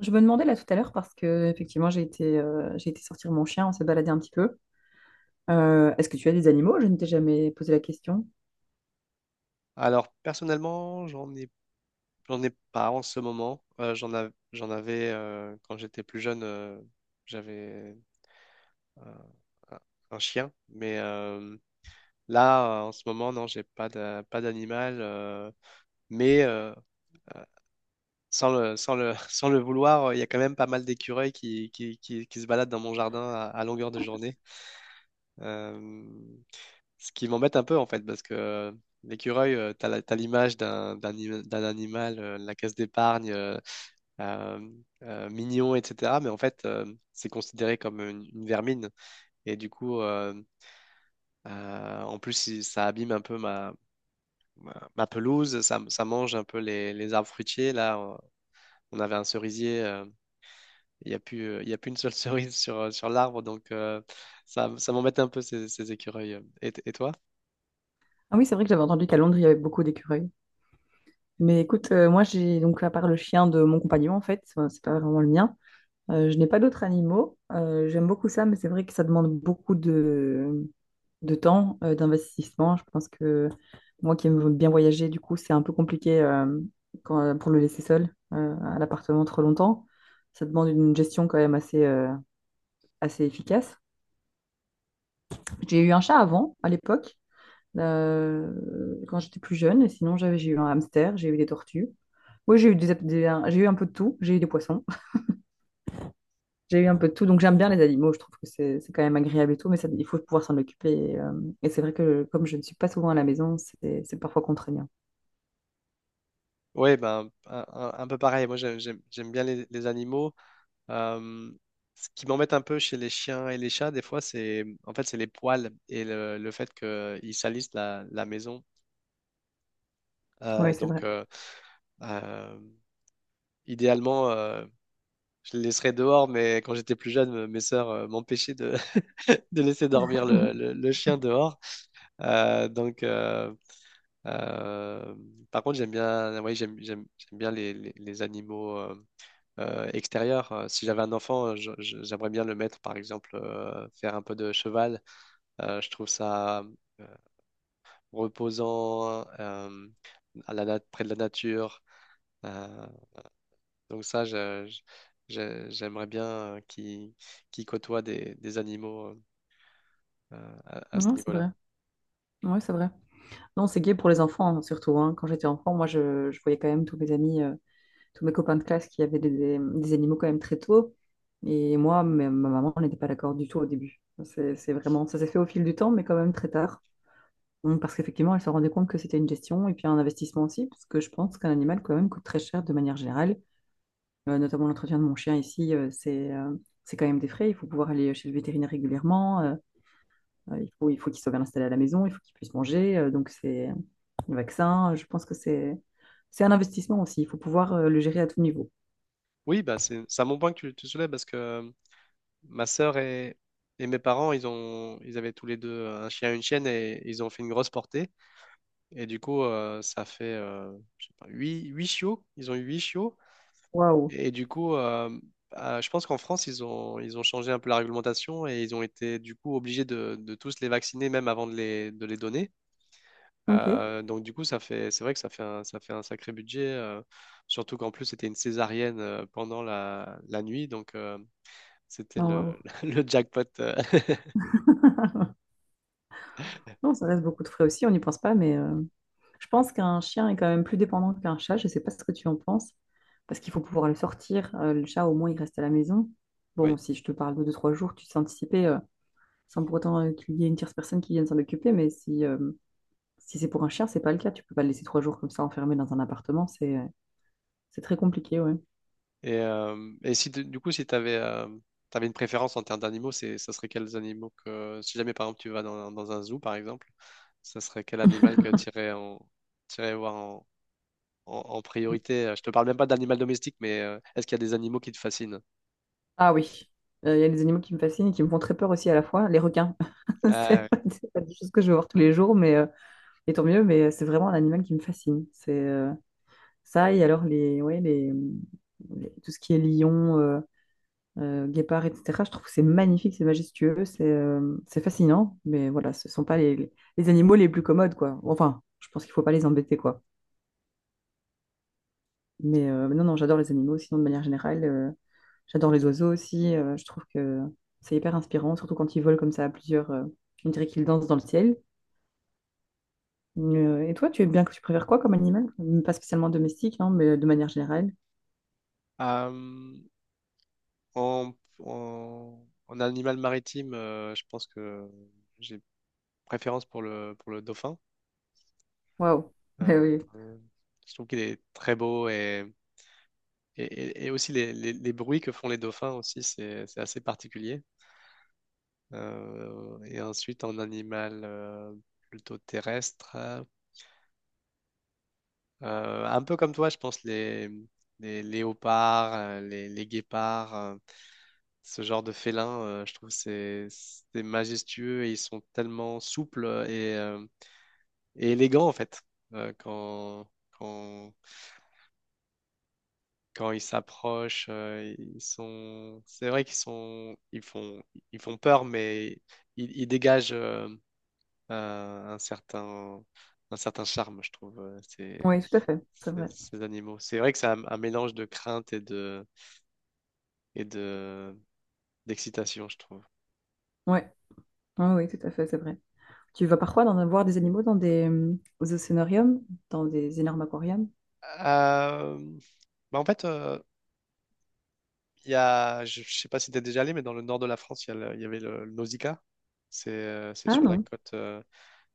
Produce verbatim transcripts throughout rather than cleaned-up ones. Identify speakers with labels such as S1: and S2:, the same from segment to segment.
S1: Je me demandais là tout à l'heure parce que effectivement j'ai été, euh, j'ai été sortir mon chien, on s'est baladé un petit peu. Euh, est-ce que tu as des animaux? Je ne t'ai jamais posé la question.
S2: Alors, personnellement, j'en ai, j'en ai pas en ce moment. Euh, j'en av- j'en avais euh, quand j'étais plus jeune, euh, j'avais un, un- un chien. Mais euh, là, euh, en ce moment, non, j'ai pas d'a- pas d'animal. euh, mais euh, euh, sans le, sans le, sans le vouloir, euh, il y a quand même pas mal d'écureuils qui, qui, qui, qui se baladent dans mon jardin à, à longueur de journée. Euh, Ce qui m'embête un peu en fait, parce que euh, l'écureuil, euh, t'as la- t'as l'image d'un d'un anim- d'un animal, euh, la caisse d'épargne, euh, euh, euh, mignon, et cetera. Mais en fait, euh, c'est considéré comme une, une vermine. Et du coup, euh, euh, en plus, il- ça abîme un peu ma, ma, ma pelouse, ça, ça mange un peu les, les arbres fruitiers. Là, on on avait un cerisier, euh, il n'y a plus, euh, il y a plus une seule cerise sur, sur l'arbre, donc euh, ça, ça m'embête un peu ces, ces écureuils. Et, et toi?
S1: Ah oui, c'est vrai que j'avais entendu qu'à Londres il y avait beaucoup d'écureuils. Mais écoute, euh, moi j'ai donc à part le chien de mon compagnon en fait, euh, c'est pas vraiment le mien. Euh, je n'ai pas d'autres animaux. Euh, j'aime beaucoup ça, mais c'est vrai que ça demande beaucoup de, de temps, euh, d'investissement. Je pense que moi qui aime bien voyager, du coup, c'est un peu compliqué euh, quand- euh, pour le laisser seul euh, à l'appartement trop longtemps. Ça demande une gestion quand même assez, euh, assez efficace. J'ai eu un chat avant, à l'époque, euh, quand j'étais plus jeune. Et sinon, j'avais, j'ai eu un hamster, j'ai eu des tortues. Oui, j'ai eu des, des- un- j'ai eu un peu de tout. J'ai eu des poissons. J'ai eu un peu de tout, donc j'aime bien les animaux, je trouve que c'est c'est quand même agréable et tout, mais ça, il faut pouvoir s'en occuper. Et, euh, et c'est vrai que comme je ne suis pas souvent à la maison, c'est c'est parfois contraignant.
S2: Oui, ben, un, un- un peu pareil. Moi, j'ai- j'aime j'aime bien les, les animaux. Euh, ce qui m'embête un peu chez les chiens et les chats, des fois, c'est en fait, c'est les poils et le, le fait qu'ils salissent la, la maison.
S1: Oui,
S2: Euh,
S1: c'est
S2: donc,
S1: vrai.
S2: euh, euh, idéalement, euh, je les laisserais dehors, mais quand j'étais plus jeune, me- mes sœurs euh, m'empêchaient de, de laisser dormir le, le- le chien dehors. Euh, donc, euh, euh, par contre, j'aime bien, ouais, j'aime, j'aime, j'aime bien les, les- les animaux. euh, euh, extérieur. Euh, Si j'avais un enfant, euh, je- je- j'aimerais bien le mettre, par exemple, euh, faire un peu de cheval. Euh, je trouve ça euh, reposant, euh, à la nat- près de la nature. Euh, donc ça, je- je- je- j'aimerais bien euh, qu'il qu'il côtoie des, des animaux euh, à, à ce
S1: Non, c'est
S2: niveau-là.
S1: vrai. Oui, c'est vrai. Non, c'est gay pour les enfants, hein, surtout. Hein. Quand j'étais enfant, moi, je, je voyais quand même tous mes amis, euh, tous mes copains de classe qui avaient des, des- des animaux quand même très tôt. Et moi, ma, ma maman n'était pas d'accord du tout au début. C'est c'est vraiment, ça s'est fait au fil du temps, mais quand même très tard. Donc, parce qu'effectivement, elle se rendait compte que c'était une gestion et puis un investissement aussi, parce que je pense qu'un animal, quand même, coûte très cher de manière générale. Euh, notamment l'entretien de mon chien ici, euh, c'est euh, c'est quand même des frais. Il faut pouvoir aller chez le vétérinaire régulièrement. Euh, euh, il faut, il faut qu'il soit bien installé à la maison. Il faut qu'il puisse manger. Euh, donc, c'est le vaccin. Je pense que c'est c'est un investissement aussi. Il faut pouvoir euh, le gérer à tout niveau.
S2: Oui, bah c'est c'est un bon point que tu, tu soulèves parce que euh, ma sœur et, et mes parents, ils ont, ils avaient tous les deux un chien et une chienne et ils ont fait une grosse portée. Et du coup, euh, ça fait, euh, je sais pas, huit huit chiots. Ils ont eu huit chiots.
S1: Waouh.
S2: Et du coup, euh, euh, je pense qu'en France, ils ont, ils ont changé un peu la réglementation et ils ont été du coup obligés de, de tous les vacciner même avant de les, de les donner.
S1: OK.
S2: Euh, donc du coup, ça fait, c'est vrai que ça fait un, ça fait un sacré budget. euh, surtout qu'en plus, c'était une césarienne euh, pendant la, la nuit. Donc euh, c'était
S1: Ah,
S2: le,
S1: waouh.
S2: le jackpot. euh,
S1: Non, ça reste beaucoup de frais aussi. On n'y pense pas. Mais euh, je pense qu'un chien est quand même plus dépendant qu'un chat. Je ne sais pas ce que tu en penses. Parce qu'il faut pouvoir le sortir. Euh, le chat, au moins, il reste à la maison.
S2: ouais.
S1: Bon, si je te parle de deux, trois jours, tu sais anticiper. Sans pour autant euh, qu'il y ait une tierce personne qui vienne s'en occuper. Mais si, euh, si c'est pour un chien, c'est pas le cas. Tu peux pas le laisser trois jours comme ça enfermé dans un appartement. C'est euh, c'est très compliqué, ouais.
S2: Et, euh, et si tu- du coup, si tu avais, une préférence en termes d'animaux, c'est, ça serait quels animaux que, si jamais par exemple tu vas dans, un dans un zoo par exemple, ça serait quel animal que tu irais, en, t'irais voir en, en- en
S1: Mm.
S2: priorité? Je te parle même pas d'animal domestique, mais euh, est-ce qu'il y a des animaux qui te fascinent?
S1: Ah oui, Euh, il y a des animaux qui me fascinent et qui me font très peur aussi à la fois. Les requins,
S2: Euh,
S1: c'est pas, c'est pas des choses que je vais voir tous les jours, mais euh, et tant mieux. Mais euh, c'est vraiment un animal qui me fascine. C'est euh, Ça et alors les, ouais, les, les- tout ce qui est lion. Euh, euh, guépards, et cætera. Je trouve que c'est magnifique, c'est majestueux, c'est euh, c'est fascinant, mais voilà, ce ne sont pas les, les les animaux les plus commodes, quoi. Enfin, je pense qu'il ne faut pas les embêter, quoi. Mais euh, non, non, j'adore les animaux, sinon de manière générale, euh, j'adore les oiseaux aussi, euh, je trouve que c'est hyper inspirant, surtout quand ils volent comme ça à plusieurs, euh, on dirait qu'ils dansent dans le ciel. Euh, et toi, tu aimes bien que tu préfères quoi comme animal? Pas spécialement domestique, non, mais de manière générale.
S2: euh, en, en- en animal maritime, euh, je pense que j'ai préférence pour le, pour le dauphin.
S1: Waouh! Eh
S2: Euh,
S1: oui,
S2: euh, je trouve qu'il est très beau et Et, et- et aussi les, les- les bruits que font les dauphins aussi, c'est c'est assez particulier. Euh, et ensuite, en animal euh, plutôt terrestre, euh, un peu comme toi, je pense, les, les léopards, euh, les, les guépards, euh, ce genre de félins, euh, je trouve c'est c'est majestueux et ils sont tellement souples et, euh, et élégants en fait. Euh, quand, quand, quand ils s'approchent, euh, ils sont, c'est vrai qu'ils sont, ils font, ils font peur, mais ils, ils dégagent euh, un un certain, un certain charme, je trouve, euh, ces,
S1: oui, tout à fait, c'est
S2: ces,
S1: vrai.
S2: ces animaux. C'est vrai que c'est un, un mélange de crainte et de, et de, d'excitation, je trouve.
S1: Ouais, ah oui, tout à fait, c'est vrai. Tu vas parfois en avoir des animaux dans des euh, aux océanariums, dans des énormes aquariums?
S2: Euh, bah en fait, euh, il y a, je, je sais pas si tu es déjà allé, mais dans le nord de la France, il y, a le- il y avait le, le Nausicaa. C'est euh, c'est
S1: Ah
S2: sur la
S1: non,
S2: côte, euh,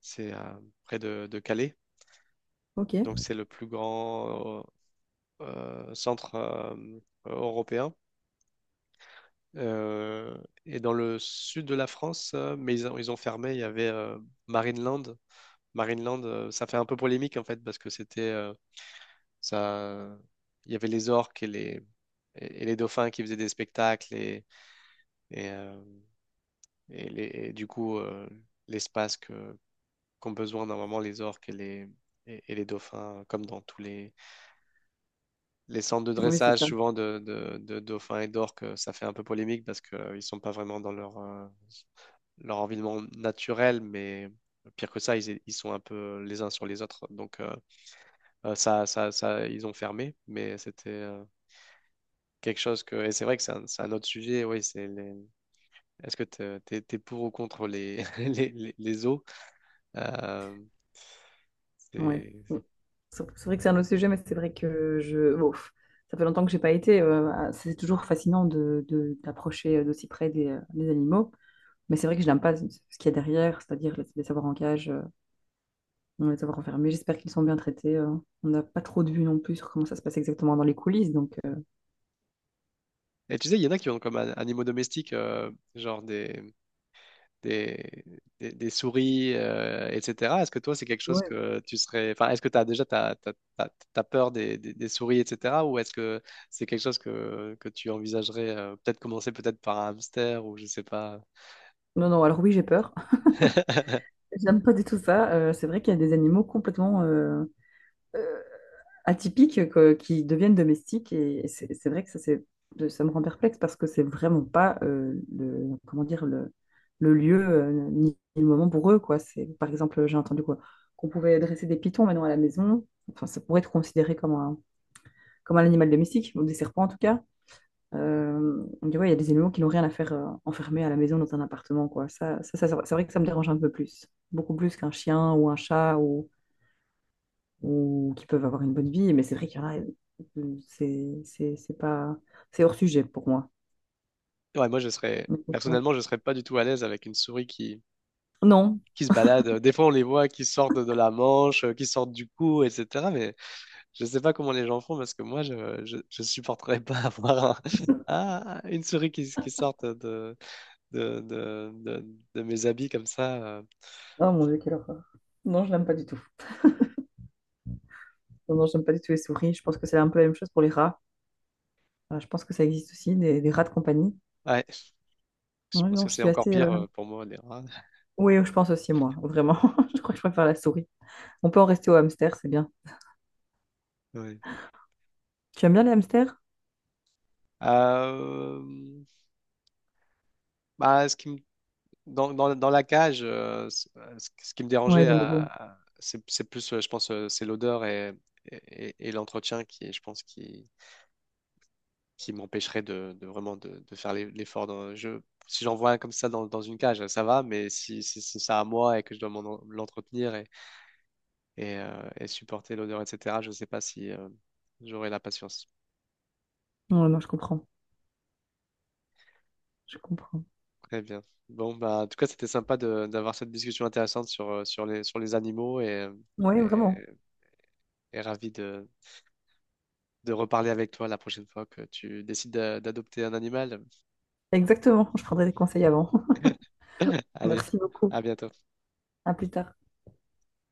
S2: c'est euh, près de, de Calais. Donc,
S1: ok.
S2: c'est le plus grand euh, euh, centre euh, européen. Euh, et dans le sud de la France, euh, mais ils ont, ils ont fermé, il y avait euh, Marineland. Marineland, euh, ça fait un peu polémique en fait, parce que c'était euh, ça. Il y avait les orques et les, et et les dauphins qui faisaient des spectacles, et, et, euh, et les- et du coup, euh, l'espace que, qu'ont besoin normalement les orques et les, et et les dauphins, comme dans tous les les centres de
S1: Oui, c'est
S2: dressage,
S1: ça.
S2: souvent de, de, de dauphins et d'orques, euh, ça fait un peu polémique parce qu'ils ne sont pas vraiment dans leur, euh, leur environnement naturel, mais pire que ça, ils, ils sont un peu les uns sur les autres. Donc, euh, euh, ça, ça, ça, ils ont fermé, mais c'était euh, quelque chose que. Et c'est vrai que c'est un, c'est un autre sujet. Oui, c'est les... Est-ce que tu es, pour ou contre les, les, les, les zoos? Euh,
S1: Ouais.
S2: c'est-
S1: Bon, C'est c'est vrai que c'est un autre sujet, mais c'est vrai que je. Bon, pff, ça fait longtemps que j'ai pas été. Euh, ah, c'est toujours fascinant de, de- d'approcher euh, d'aussi près des, euh, des animaux. Mais c'est vrai que je n'aime pas ce ce qu'il y a derrière, c'est-à-dire les, les savoir en cage, euh, les savoir enfermés. J'espère qu'ils sont bien traités. Euh. On n'a pas trop de vues non plus sur comment ça se passe exactement dans les coulisses. Donc, euh,
S2: Et tu sais, il y en a qui ont comme an- animaux domestiques, euh, genre des, des, des, des souris, euh, et cetera. Est-ce que toi, c'est quelque chose
S1: ouais.
S2: que tu serais... Enfin, est-ce que tu as déjà t'as, t'as- t'as- t'as peur des, des- des souris, et cetera. Ou est-ce que c'est quelque chose que, que tu envisagerais euh, peut-être commencer peut-être par un hamster ou je sais pas.
S1: Non, non, alors oui, j'ai peur. J'aime pas du tout ça. Euh, c'est vrai qu'il y a des animaux complètement euh, euh, atypiques quoi, qui deviennent domestiques et c'est c'est vrai que ça, c'est, euh, ça me rend perplexe parce que c'est vraiment pas euh, le, comment dire, le, le lieu euh, ni le moment pour eux, quoi. C'est, par exemple, j'ai entendu quoi, qu'on pouvait dresser des pitons maintenant à la maison. Enfin, ça pourrait être considéré comme un, comme un animal domestique, ou des serpents en tout cas. Euh, on dit, ouais, il y a des animaux qui n'ont rien à faire euh, enfermés à la maison dans un appartement, quoi. Ça, ça, ça, c'est vrai c'est vrai que ça me dérange un peu plus. Beaucoup plus qu'un chien ou un chat ou, ou qui peuvent avoir une bonne vie, mais c'est vrai qu'il y en a, euh, c'est c'est- c'est pas... C'est hors sujet pour moi.
S2: Ouais, moi, je serais... Personnellement, je serais pas du tout à l'aise avec une souris qui...
S1: Non.
S2: qui se balade. Des fois, on les voit qui sortent de la manche, euh, qui sortent du cou, et cetera. Mais je sais pas comment les gens font parce que moi, je, je, je supporterais pas avoir un- ah, une souris qui, qui sorte de, de, de, de- de mes habits comme ça. euh.
S1: Oh mon Dieu, quelle horreur. Non, je l'aime pas du tout. Non, non, j'aime pas du tout les souris. Je pense que c'est un peu la même chose pour les rats. Euh, je pense que ça existe aussi, des, des rats de compagnie.
S2: Ouais, je
S1: Ouais,
S2: pense que
S1: non, je
S2: c'est
S1: suis
S2: encore
S1: assez...
S2: pire
S1: euh,
S2: euh, pour moi, les rats.
S1: oui, je pense aussi, moi, vraiment. Je crois que je préfère la souris. On peut en rester au hamster, c'est bien.
S2: Ouais.
S1: Tu aimes bien les hamsters?
S2: Euh, bah, ce qui me- dans, dans, dans la cage, euh, ce, euh, ce- ce qui me
S1: Ouais,
S2: dérangeait,
S1: des
S2: à-
S1: logos.
S2: à- c'est c'est plus, euh, je pense, euh, c'est l'odeur et, et, et l'entretien qui, je pense, qui, qui m'empêcherait de, de vraiment de, de faire l'e- l'effort. dans- Je, si j'en vois un comme ça dans, dans une cage, ça va, mais si, si, si c'est ça à moi et que je dois m'en- l'entretenir et, et, euh, et supporter l'odeur, et cetera. Je ne sais pas si euh, j'aurai la patience.
S1: Non, non, je comprends. Je comprends.
S2: Très bien. Bon, bah, en tout cas, c'était sympa de- d'avoir cette discussion intéressante sur, euh, sur les, sur les animaux et,
S1: Oui,
S2: et,
S1: vraiment.
S2: et ravi de, de reparler avec toi la prochaine fois que tu décides d'a- d'adopter un animal.
S1: Exactement. Je prendrai des conseils avant.
S2: Allez,
S1: Merci beaucoup.
S2: à bientôt.
S1: À plus tard.